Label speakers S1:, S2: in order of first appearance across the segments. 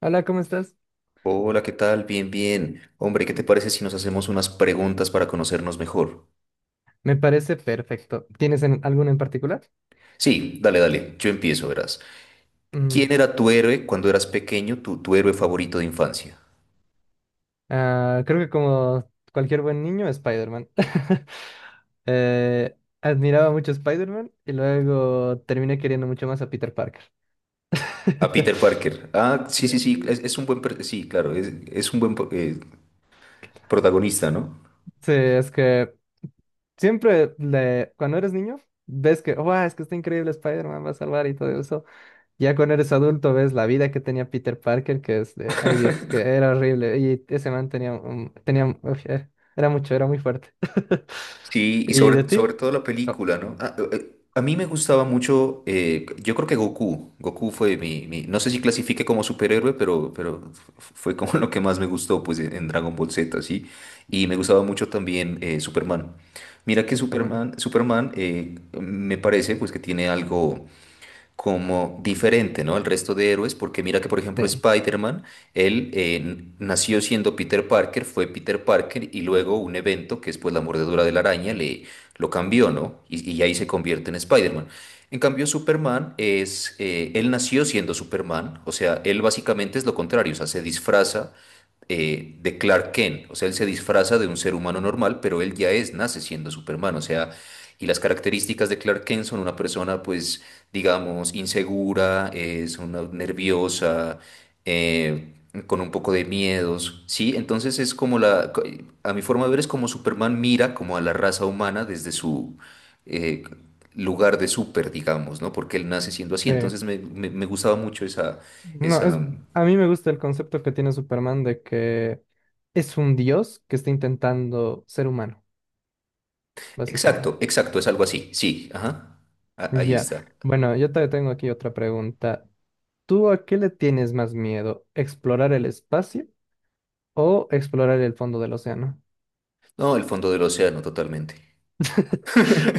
S1: Hola, ¿cómo estás?
S2: Hola, ¿qué tal? Bien, bien. Hombre, ¿qué te parece si nos hacemos unas preguntas para conocernos mejor?
S1: Me parece perfecto. ¿Tienes alguno en particular?
S2: Sí, dale, dale, yo empiezo, verás. ¿Quién
S1: Mm,
S2: era tu héroe cuando eras pequeño, tu héroe favorito de infancia?
S1: ah, creo que como cualquier buen niño, Spider-Man. Eh, admiraba mucho a Spider-Man y luego terminé queriendo mucho más a Peter Parker.
S2: A Peter Parker. Ah, sí, sí, sí, es un buen, sí, claro, es un buen protagonista, ¿no?
S1: Sí, es que siempre cuando eres niño, ves que, wow, es que está increíble Spider-Man, va a salvar y todo eso. Ya cuando eres adulto ves la vida que tenía Peter Parker, que es de, ay Dios, es que era horrible. Y ese man tenía, tenía, uf, era mucho, era muy fuerte.
S2: Sí, y
S1: ¿Y de
S2: sobre,
S1: ti?
S2: sobre todo la
S1: Oh,
S2: película, ¿no? A mí me gustaba mucho, yo creo que Goku, Goku fue no sé si clasifique como superhéroe, pero fue como lo que más me gustó, pues, en Dragon Ball Z, ¿sí? Y me gustaba mucho también Superman. Mira que
S1: Superman.
S2: Superman, Superman me parece, pues, que tiene algo como diferente, ¿no? Al resto de héroes, porque mira que, por ejemplo,
S1: Sí,
S2: Spider-Man, él nació siendo Peter Parker, fue Peter Parker y luego un evento, que es pues la mordedura de la araña, le lo cambió, ¿no? Y ahí se convierte en Spider-Man. En cambio, Superman es, él nació siendo Superman, o sea, él básicamente es lo contrario, o sea, se disfraza de Clark Kent. O sea, él se disfraza de un ser humano normal, pero él ya es, nace siendo Superman. O sea, y las características de Clark Kent son una persona, pues, digamos, insegura, es una nerviosa, eh, con un poco de miedos, ¿sí? Entonces es como a mi forma de ver es como Superman mira como a la raza humana desde su eh, lugar de súper, digamos, ¿no? Porque él nace siendo así,
S1: sí.
S2: entonces me gustaba mucho esa,
S1: No, es,
S2: esa...
S1: a mí me gusta el concepto que tiene Superman de que es un dios que está intentando ser humano, básicamente.
S2: Exacto, exacto, es algo así, sí, ajá, ahí
S1: Ya.
S2: está.
S1: Bueno, yo te tengo aquí otra pregunta. ¿Tú a qué le tienes más miedo? ¿Explorar el espacio o explorar el fondo del océano?
S2: No, el fondo del océano, totalmente.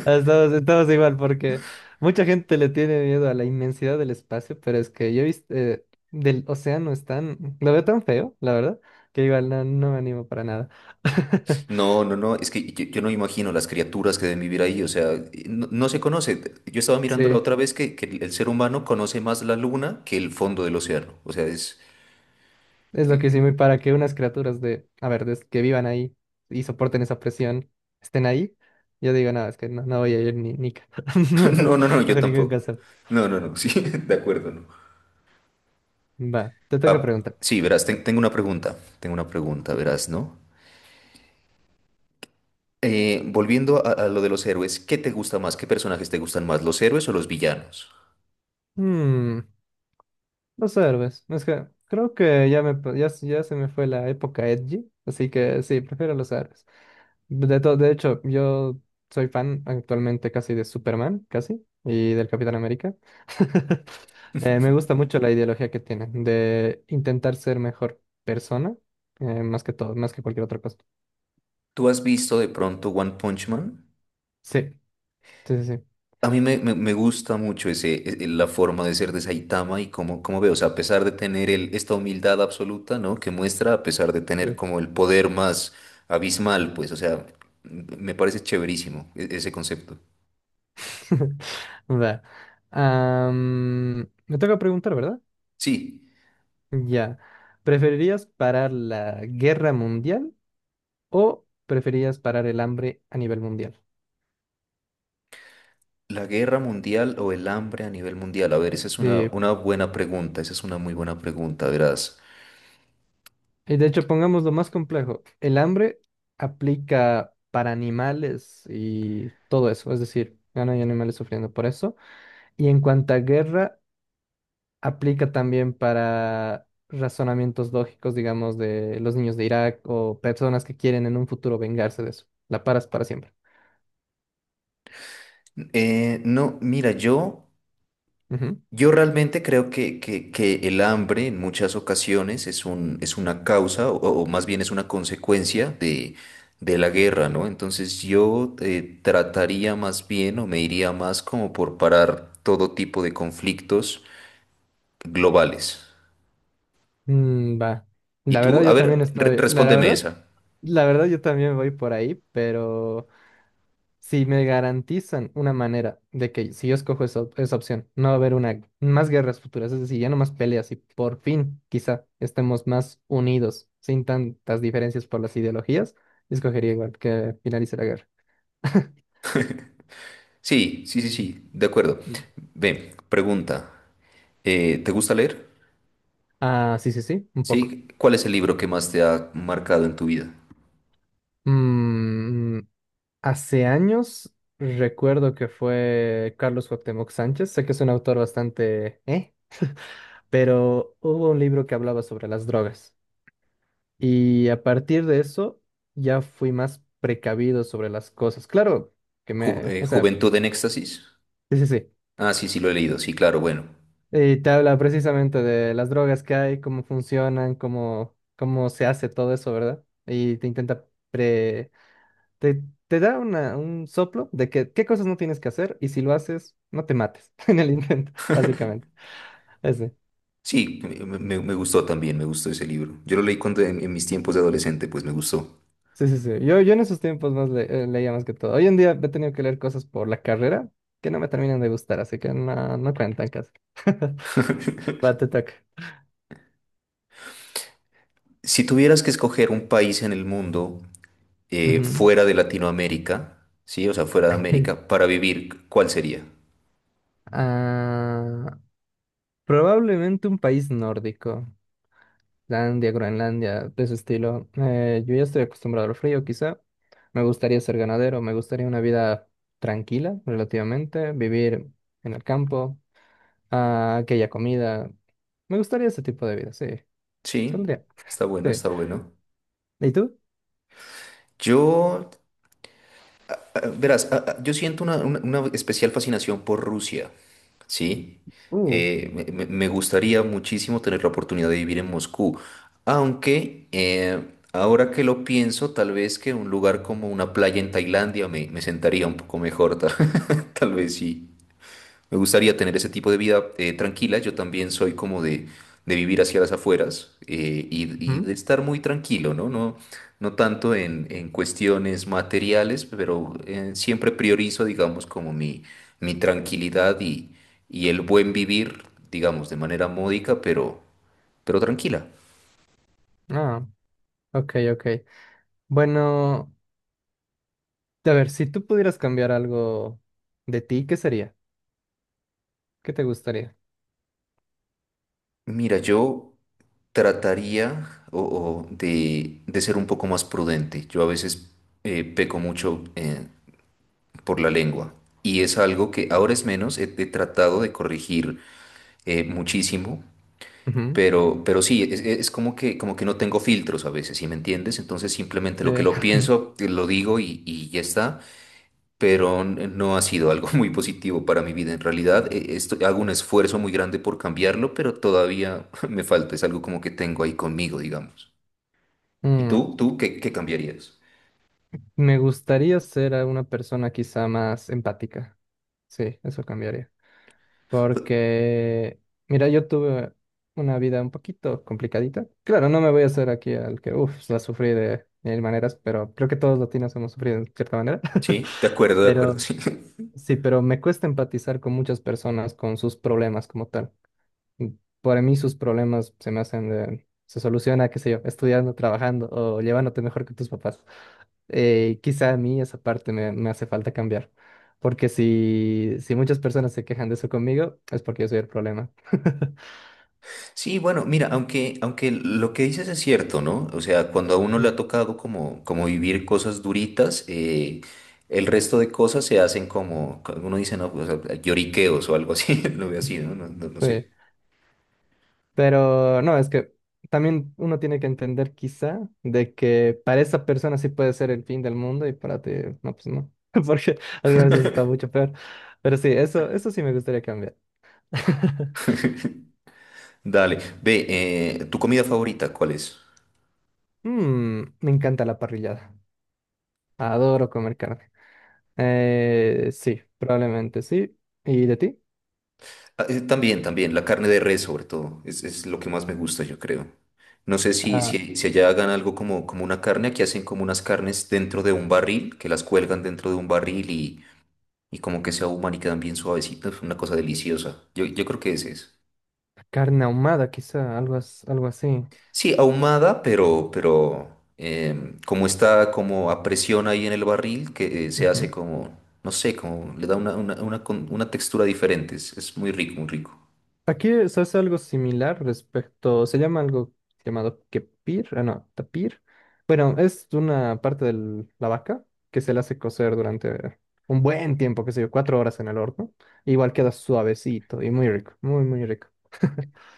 S1: Estamos igual porque mucha gente le tiene miedo a la inmensidad del espacio, pero es que yo he visto del océano es tan, lo veo tan feo, la verdad, que igual no, no me animo para nada.
S2: No, no, no, es que yo no me imagino las criaturas que deben vivir ahí, o sea, no, no se conoce. Yo estaba mirando la
S1: Sí,
S2: otra vez que el ser humano conoce más la luna que el fondo del océano, o sea, es...
S1: es lo que hicimos y para que unas criaturas de, a ver, que vivan ahí y soporten esa presión, estén ahí, yo digo, no, es que no, no voy a ir ni,
S2: No, no, no, yo
S1: bajo ningún
S2: tampoco.
S1: concepto.
S2: No, no, no, sí, de acuerdo, no.
S1: Va, te toca
S2: Ah,
S1: preguntar.
S2: sí, verás, tengo una pregunta, verás, ¿no? Volviendo a lo de los héroes, ¿qué te gusta más? ¿Qué personajes te gustan más, los héroes o los villanos?
S1: Hmm, los héroes. Es que creo que ya, me, ya, ya se me fue la época edgy, así que sí, prefiero los héroes. De, de hecho, yo soy fan actualmente casi de Superman, casi, y del Capitán América. Me gusta mucho la ideología que tienen de intentar ser mejor persona, más que todo, más que cualquier otra cosa.
S2: ¿Tú has visto de pronto One Punch Man?
S1: Sí, sí, sí.
S2: A mí me gusta mucho ese, la forma de ser de Saitama y cómo, cómo veo, o sea, a pesar de tener el, esta humildad absoluta, ¿no? Que muestra, a pesar de
S1: Sí.
S2: tener como el poder más abismal, pues, o sea, me parece chéverísimo ese concepto.
S1: Va. Am, me toca preguntar, ¿verdad?
S2: Sí,
S1: Ya. ¿Preferirías parar la guerra mundial o preferirías parar el hambre a nivel mundial?
S2: la guerra mundial o el hambre a nivel mundial, a ver, esa es
S1: Sí.
S2: una buena pregunta, esa es una muy buena pregunta, verás.
S1: Y de hecho, pongamos lo más complejo. El hambre aplica para animales y todo eso. Es decir, ya no hay animales sufriendo por eso. Y en cuanto a guerra, aplica también para razonamientos lógicos, digamos, de los niños de Irak o personas que quieren en un futuro vengarse de eso. La paras para siempre.
S2: No, mira, yo...
S1: Ujú.
S2: Yo realmente creo que el hambre en muchas ocasiones es un, es una causa o más bien es una consecuencia de la guerra, ¿no? Entonces yo trataría más bien o me iría más como por parar todo tipo de conflictos globales.
S1: Mm, va.
S2: Y
S1: La verdad
S2: tú, a
S1: yo también
S2: ver,
S1: estoy, la
S2: respóndeme
S1: verdad,
S2: esa.
S1: la verdad yo también voy por ahí, pero si me garantizan una manera de que si yo escojo esa, esa opción, no va a haber una más guerras futuras, es decir, ya no más peleas y por fin quizá estemos más unidos, sin tantas diferencias por las ideologías, escogería igual que finalice la guerra.
S2: Sí, sí, sí,
S1: Mm.
S2: sí, de acuerdo. Ven, pregunta. ¿Te gusta leer?
S1: Ah, sí, sí, sí, un poco.
S2: Sí. ¿Cuál es el libro que más te ha marcado en tu vida?
S1: Mm, hace años recuerdo que fue Carlos Cuauhtémoc Sánchez, sé que es un autor bastante, ¿eh? Pero hubo un libro que hablaba sobre las drogas y a partir de eso ya fui más precavido sobre las cosas. Claro que me, o sea,
S2: ¿Juventud en éxtasis?
S1: sí, sí, sí.
S2: Ah, sí, sí, lo he leído, sí, claro, bueno.
S1: Y te habla precisamente de las drogas que hay, cómo funcionan, cómo, cómo se hace todo eso, ¿verdad? Y te intenta te, te da un soplo de que qué cosas no tienes que hacer y si lo haces, no te mates en el intento, básicamente. Ese.
S2: Sí, me gustó también, me gustó ese libro. Yo lo leí cuando en mis tiempos de adolescente, pues me gustó.
S1: Sí, sí, sí. Yo en esos tiempos más leía más que todo. Hoy en día he tenido que leer cosas por la carrera que no me terminan de gustar, así que no, no cuentan casi. Va, te toca.
S2: Si tuvieras que escoger un país en el mundo
S1: Ujú.
S2: fuera de Latinoamérica, sí, o sea, fuera de América, para vivir, ¿cuál sería?
S1: Ah, probablemente un país nórdico. Islandia, Groenlandia, de ese estilo. Yo ya estoy acostumbrado al frío, quizá. Me gustaría ser ganadero, me gustaría una vida tranquila, relativamente, vivir en el campo, ah, aquella comida. Me gustaría ese tipo de vida, sí.
S2: Sí,
S1: Saldría,
S2: está bueno,
S1: sí.
S2: está bueno.
S1: ¿Y tú?
S2: Yo ah, verás, ah, ah, yo siento una, una especial fascinación por Rusia, ¿sí?
S1: Uh,
S2: Me gustaría muchísimo tener la oportunidad de vivir en Moscú, aunque ahora que lo pienso, tal vez que un lugar como una playa en Tailandia me sentaría un poco mejor, tal, tal vez sí. Me gustaría tener ese tipo de vida tranquila. Yo también soy como de vivir hacia las afueras y
S1: ujú.
S2: de estar muy tranquilo, ¿no? No, no tanto en cuestiones materiales, pero siempre priorizo, digamos, como mi tranquilidad y el buen vivir, digamos, de manera módica, pero tranquila.
S1: Ah, ok, ok. Bueno, a ver, si tú pudieras cambiar algo de ti, ¿qué sería? ¿Qué te gustaría?
S2: Mira, yo trataría o de ser un poco más prudente. Yo a veces peco mucho. Por la lengua. Y es algo que ahora es menos, he tratado de corregir muchísimo,
S1: Ujú,
S2: pero sí, es como que no tengo filtros a veces, ¿sí me entiendes? Entonces simplemente lo que
S1: eh,
S2: lo pienso, lo digo y ya está, pero no ha sido algo muy positivo para mi vida. En realidad, hago un esfuerzo muy grande por cambiarlo, pero todavía me falta, es algo como que tengo ahí conmigo, digamos. ¿Y tú qué, qué cambiarías?
S1: me gustaría ser a una persona quizá más empática. Sí, eso cambiaría. Porque, mira, yo tuve una vida un poquito complicadita. Claro, no me voy a hacer aquí al que, uff, la sufrí de mil maneras, pero creo que todos los latinos hemos sufrido de cierta manera.
S2: Sí, de acuerdo,
S1: Pero
S2: sí.
S1: sí, pero me cuesta empatizar con muchas personas, con sus problemas como tal. Para mí sus problemas se me hacen se soluciona, qué sé yo, estudiando, trabajando o llevándote mejor que tus papás. Quizá a mí esa parte me, me hace falta cambiar, porque si, si muchas personas se quejan de eso conmigo, es porque yo soy el problema.
S2: Sí, bueno, mira, aunque, aunque lo que dices es cierto, ¿no? O sea, cuando a uno le ha
S1: Mm.
S2: tocado como, como vivir cosas duritas, el resto de cosas se hacen como, como uno dice, no, pues, lloriqueos o algo así, lo veo así, ¿no? No, no, no
S1: Sí,
S2: sé.
S1: pero no, es que también uno tiene que entender quizá de que para esa persona sí puede ser el fin del mundo y para ti, no, pues no, porque algunas veces está mucho peor. Pero sí, eso sí me gustaría cambiar.
S2: Dale, ve, ¿tu comida favorita cuál es?
S1: Mm, me encanta la parrillada. Adoro comer carne. Sí, probablemente sí. ¿Y de ti?
S2: Ah, también, también, la carne de res sobre todo, es lo que más me gusta, yo creo. No sé
S1: Ah,
S2: si allá hagan algo como, como una carne, aquí hacen como unas carnes dentro de un barril, que las cuelgan dentro de un barril y como que se ahuman y quedan bien suavecitos, una cosa deliciosa. Yo creo que ese es.
S1: carne ahumada, quizá, algo, algo así.
S2: Sí, ahumada, pero como está como a presión ahí en el barril, que se hace
S1: Ujú.
S2: como, no sé, como le da una, una textura diferente. Es muy rico, muy rico.
S1: Aquí se hace algo similar respecto, se llama algo llamado kepir, ah, no, tapir. Bueno, es una parte de la vaca que se la hace cocer durante un buen tiempo, qué sé yo, 4 horas en el horno. Igual queda suavecito y muy rico, muy, muy rico.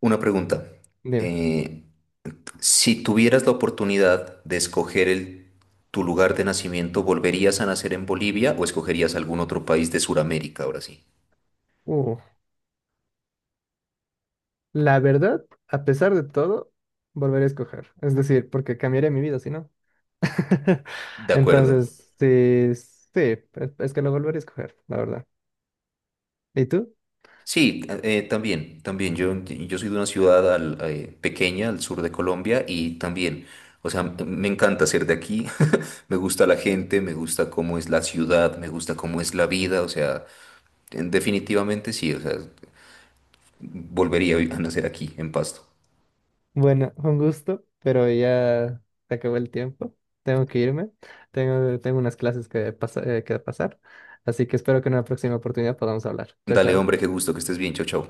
S2: Una pregunta.
S1: Dime.
S2: eh, si tuvieras la oportunidad de escoger el, tu lugar de nacimiento, ¿volverías a nacer en Bolivia o escogerías algún otro país de Sudamérica ahora sí?
S1: Uh, La verdad, a pesar de todo, volveré a escoger. Es decir, porque cambiaré mi vida, si no.
S2: De acuerdo.
S1: Entonces, sí, sí, es que lo volveré a escoger, la verdad. ¿Y tú?
S2: Sí, también, también. Yo soy de una ciudad pequeña al sur de Colombia y también, o sea, me encanta ser de aquí. Me gusta la gente, me gusta cómo es la ciudad, me gusta cómo es la vida. O sea, definitivamente sí. O sea, volvería a a nacer aquí, en Pasto.
S1: Bueno, un gusto, pero ya se acabó el tiempo. Tengo que irme. Tengo unas clases que, que pasar. Así que espero que en una próxima oportunidad podamos hablar. Chao,
S2: Dale,
S1: chao.
S2: hombre, qué gusto, que estés bien. Chau, chau.